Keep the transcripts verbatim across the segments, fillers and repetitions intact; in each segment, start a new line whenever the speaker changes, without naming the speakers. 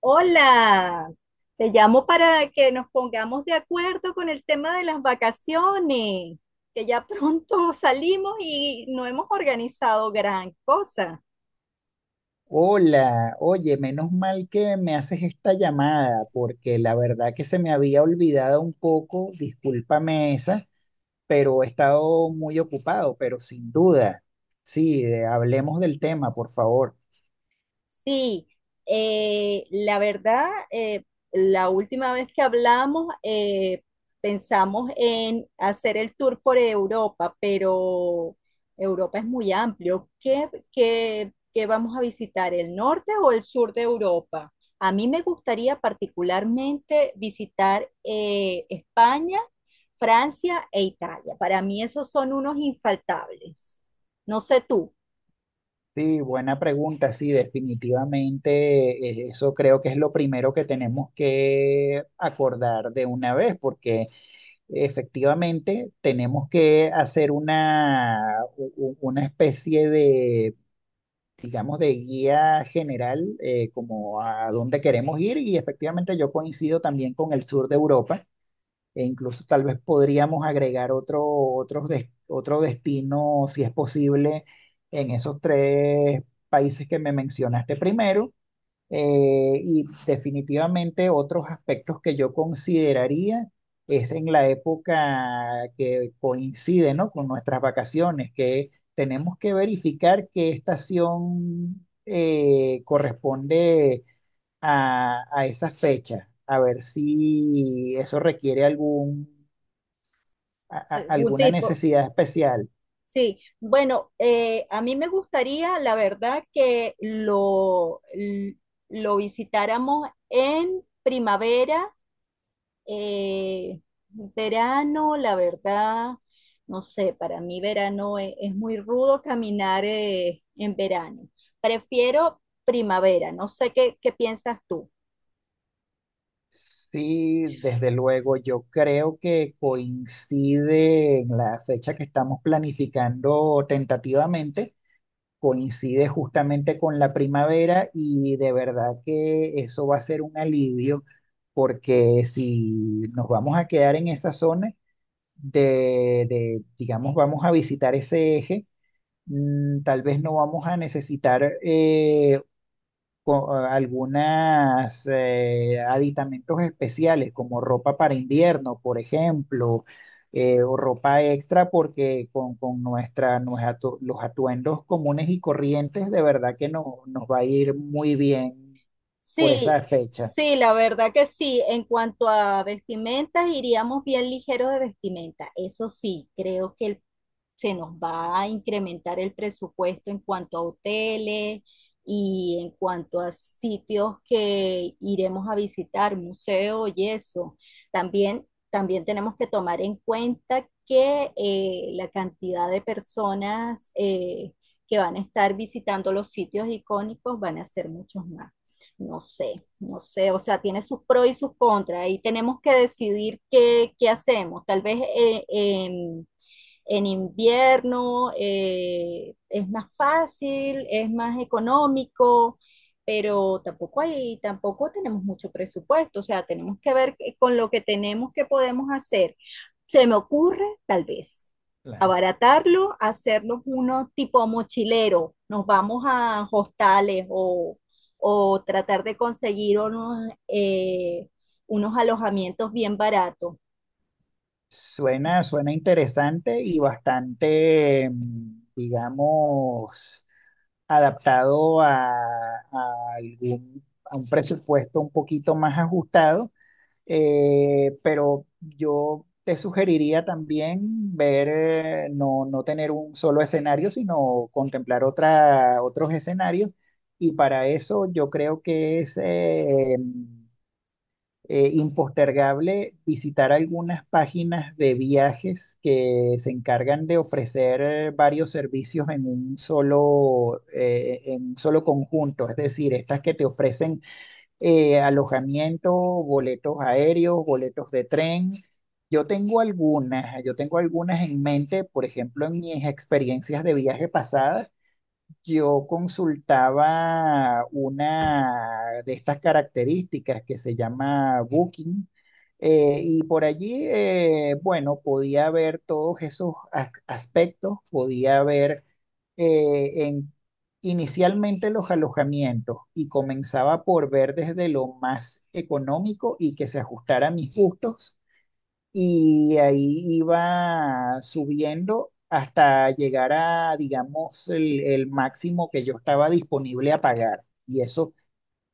Hola, te llamo para que nos pongamos de acuerdo con el tema de las vacaciones, que ya pronto salimos y no hemos organizado gran cosa.
Hola, oye, menos mal que me haces esta llamada, porque la verdad que se me había olvidado un poco, discúlpame esa, pero he estado muy ocupado, pero sin duda. Sí, de- hablemos del tema, por favor.
Sí, eh, la verdad, eh, la última vez que hablamos, eh, pensamos en hacer el tour por Europa, pero Europa es muy amplio. ¿Qué, qué, qué vamos a visitar, el norte o el sur de Europa? A mí me gustaría particularmente visitar eh, España, Francia e Italia. Para mí esos son unos infaltables. No sé tú,
Sí, buena pregunta, sí, definitivamente eh, eso creo que es lo primero que tenemos que acordar de una vez, porque efectivamente tenemos que hacer una, u- u- una especie de digamos, de guía general, eh, como a dónde queremos ir y efectivamente yo coincido también con el sur de Europa e incluso tal vez podríamos agregar otro, otros des- otro destino, si es posible, en esos tres países que me mencionaste primero, eh, y definitivamente otros aspectos que yo consideraría es en la época que coincide, ¿no? Con nuestras vacaciones, que tenemos que verificar qué estación eh, corresponde a, a esa fecha, a ver si eso requiere algún, a- a-
algún
alguna
tipo.
necesidad especial.
Sí, bueno, eh, a mí me gustaría, la verdad, que lo, l- lo visitáramos en primavera, eh, verano, la verdad, no sé, para mí verano e- es, muy rudo caminar eh, en verano. Prefiero primavera, no sé qué, qué piensas tú.
Sí, desde luego, yo creo que coincide en la fecha que estamos planificando tentativamente, coincide justamente con la primavera y de verdad que eso va a ser un alivio porque si nos vamos a quedar en esa zona de, de, digamos, vamos a visitar ese eje, mm, tal vez no vamos a necesitar eh, con algunas eh, aditamentos especiales como ropa para invierno, por ejemplo, eh, o ropa extra porque con, con nuestra, nos atu- los atuendos comunes y corrientes de verdad que no, nos va a ir muy bien por esa
Sí,
fecha.
sí, la verdad que sí. En cuanto a vestimentas, iríamos bien ligeros de vestimenta. Eso sí, creo que el se nos va a incrementar el presupuesto en cuanto a hoteles y en cuanto a sitios que iremos a visitar, museos y eso. También, también tenemos que tomar en cuenta que eh, la cantidad de personas eh, que van a estar visitando los sitios icónicos van a ser muchos más. No sé, no sé, o sea, tiene sus pros y sus contras, y tenemos que decidir qué, qué hacemos. Tal vez eh, em, en invierno, eh, es más fácil, es más económico, pero tampoco hay, tampoco tenemos mucho presupuesto, o sea, tenemos que ver con lo que tenemos que podemos hacer. Se me ocurre, tal vez,
Claro.
abaratarlo, hacernos unos tipo mochilero, nos vamos a hostales o, o tratar de conseguir unos, eh, unos alojamientos bien baratos.
Suena, suena interesante y bastante, mm, digamos, adaptado a, a algún, a un presupuesto un poquito más ajustado. Eh, pero yo te sugeriría también ver, eh, no, no tener un solo escenario, sino contemplar otra, otros escenarios. Y para eso yo creo que es eh, eh, impostergable visitar algunas páginas de viajes que se encargan de ofrecer eh, varios servicios en un solo, eh, en un solo conjunto. Es decir, estas que te ofrecen eh, alojamiento, boletos aéreos, boletos de tren. Yo tengo algunas, yo tengo algunas en mente, por ejemplo, en mis experiencias de viaje pasadas yo consultaba una de estas características que se llama Booking. Eh, y por allí, eh, bueno, podía ver todos esos as- aspectos, podía ver eh, en- inicialmente los alojamientos y comenzaba por ver desde lo más económico y que se ajustara a mis gustos y ahí iba subiendo hasta llegar a, digamos, el, el máximo que yo estaba disponible a pagar. Y eso,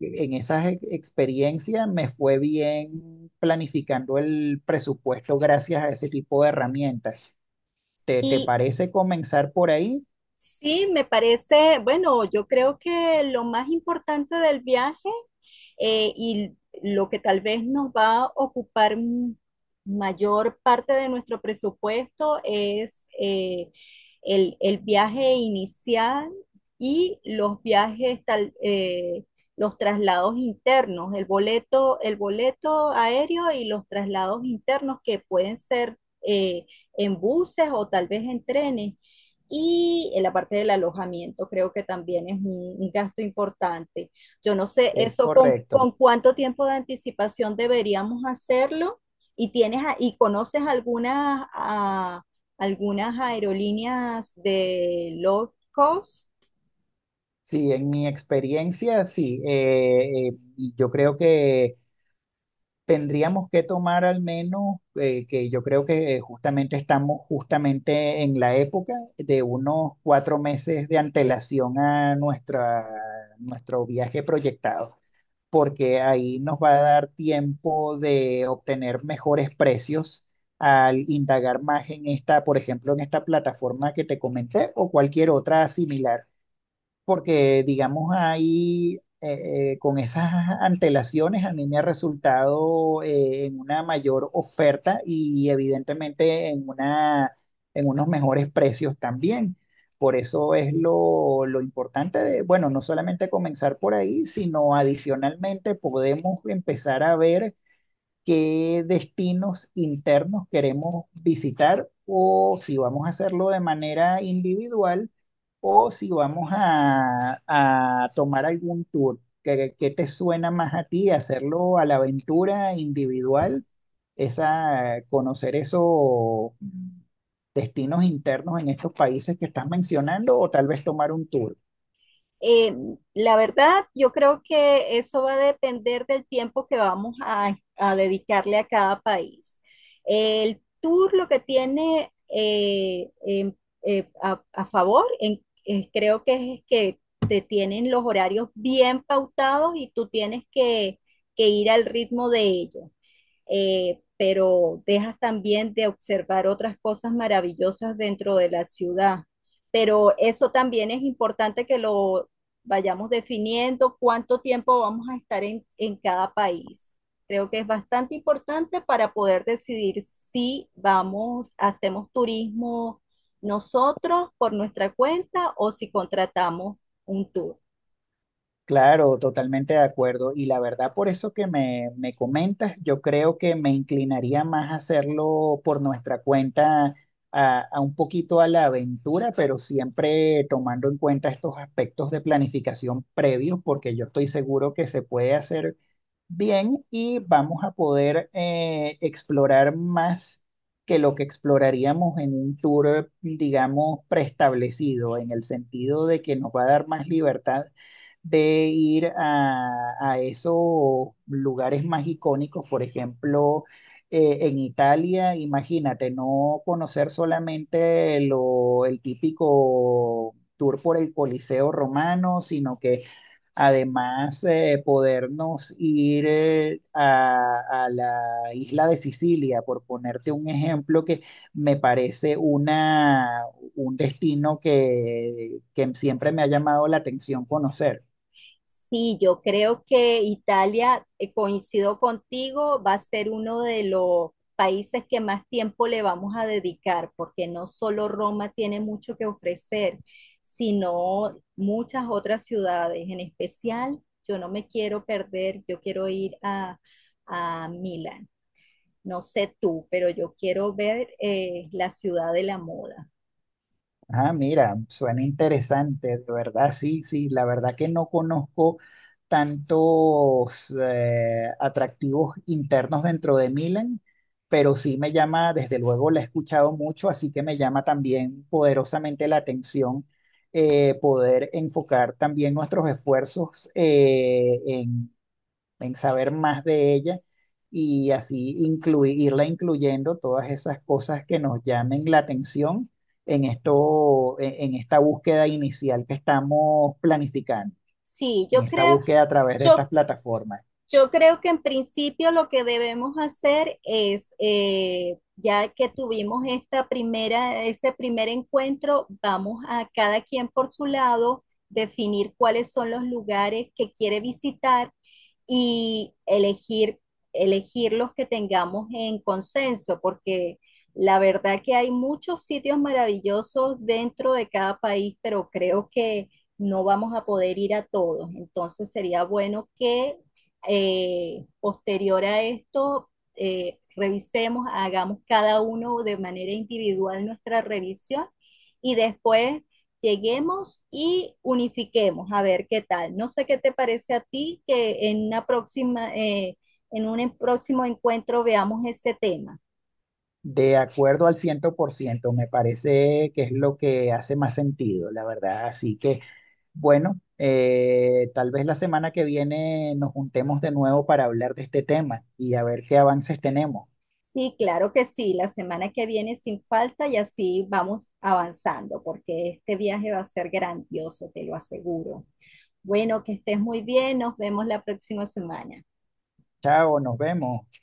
en esas e- experiencias me fue bien planificando el presupuesto gracias a ese tipo de herramientas. ¿Te, te
Y
parece comenzar por ahí?
sí, me parece, bueno, yo creo que lo más importante del viaje eh, y lo que tal vez nos va a ocupar mayor parte de nuestro presupuesto es eh, el, el, viaje inicial y los viajes tal, eh, los traslados internos, el boleto, el boleto aéreo y los traslados internos que pueden ser eh, en buses o tal vez en trenes. Y en la parte del alojamiento creo que también es un, un gasto importante. Yo no sé
Es
eso con,
correcto.
con cuánto tiempo de anticipación deberíamos hacerlo y tienes a- y conoces algunas a, algunas aerolíneas de low cost.
Sí, en mi experiencia, sí. Eh, eh, y yo creo que tendríamos que tomar al menos, eh, que yo creo que eh, justamente estamos justamente en la época de unos cuatro meses de antelación a nuestra, nuestro viaje proyectado, porque ahí nos va a dar tiempo de obtener mejores precios al indagar más en esta, por ejemplo, en esta plataforma que te comenté o cualquier otra similar porque digamos ahí eh, eh, con esas antelaciones a mí me ha resultado eh, en una mayor oferta y evidentemente en una, en unos mejores precios también. Por eso es lo, lo importante de, bueno, no solamente comenzar por ahí, sino adicionalmente podemos empezar a ver qué destinos internos queremos visitar o si vamos a hacerlo de manera individual o si vamos a, a tomar algún tour. ¿Qué, qué te suena más a ti hacerlo a la aventura individual? Esa, conocer esos destinos internos en estos países que estás mencionando o tal vez tomar un tour.
Eh, la verdad, yo creo que eso va a depender del tiempo que vamos a, a dedicarle a cada país. El tour lo que tiene eh, em- eh, a, a favor, en- eh, creo que es que te tienen los horarios bien pautados y tú tienes que, que ir al ritmo de ellos, eh, pero dejas también de observar otras cosas maravillosas dentro de la ciudad. Pero eso también es importante que lo vayamos definiendo, cuánto tiempo vamos a estar en, en cada país. Creo que es bastante importante para poder decidir si vamos, hacemos turismo nosotros por nuestra cuenta o si contratamos un tour.
Claro, totalmente de acuerdo. Y la verdad, por eso que me, me comentas, yo creo que me inclinaría más a hacerlo por nuestra cuenta, a, a un poquito a la aventura, pero siempre tomando en cuenta estos aspectos de planificación previos, porque yo estoy seguro que se puede hacer bien y vamos a poder eh, explorar más que lo que exploraríamos en un tour, digamos, preestablecido, en el sentido de que nos va a dar más libertad de ir a, a esos lugares más icónicos, por ejemplo, eh, en Italia, imagínate, no conocer solamente lo, el típico tour por el Coliseo romano, sino que además, eh, podernos ir eh, a, a la isla de Sicilia, por ponerte un ejemplo que me parece una, un destino que, que siempre me ha llamado la atención conocer.
Sí, yo creo que Italia, eh, coincido contigo, va a ser uno de los países que más tiempo le vamos a dedicar, porque no solo Roma tiene mucho que ofrecer, sino muchas otras ciudades. En especial, yo no me quiero perder, yo quiero ir a, a Milán. No sé tú, pero yo quiero ver eh, la ciudad de la moda.
Ah, mira, suena interesante, de verdad, sí, sí, la verdad que no conozco tantos eh, atractivos internos dentro de Milan, pero sí me llama, desde luego la he escuchado mucho, así que me llama también poderosamente la atención, eh, poder enfocar también nuestros esfuerzos eh, en saber más de ella y así inclui- irla incluyendo todas esas cosas que nos llamen la atención en esto, en en esta búsqueda inicial que estamos planificando,
Sí,
en
yo
esta
creo,
búsqueda a través de estas
yo
plataformas.
yo creo que en principio lo que debemos hacer es, eh, ya que tuvimos esta primera, este primer encuentro, vamos a cada quien por su lado definir cuáles son los lugares que quiere visitar y elegir, elegir los que tengamos en consenso, porque la verdad que hay muchos sitios maravillosos dentro de cada país, pero creo que no vamos a poder ir a todos. Entonces sería bueno que eh, posterior a esto, eh, revisemos, hagamos cada uno de manera individual nuestra revisión y después lleguemos y unifiquemos a ver qué tal. No sé qué te parece a ti que en una próxima, eh, en un próximo encuentro veamos ese tema.
De acuerdo al ciento por ciento me parece que es lo que hace más sentido, la verdad. Así que, bueno, eh, tal vez la semana que viene nos juntemos de nuevo para hablar de este tema y a ver qué avances tenemos.
Sí, claro que sí, la semana que viene sin falta y así vamos avanzando, porque este viaje va a ser grandioso, te lo aseguro. Bueno, que estés muy bien. Nos vemos la próxima semana.
Chao, nos vemos.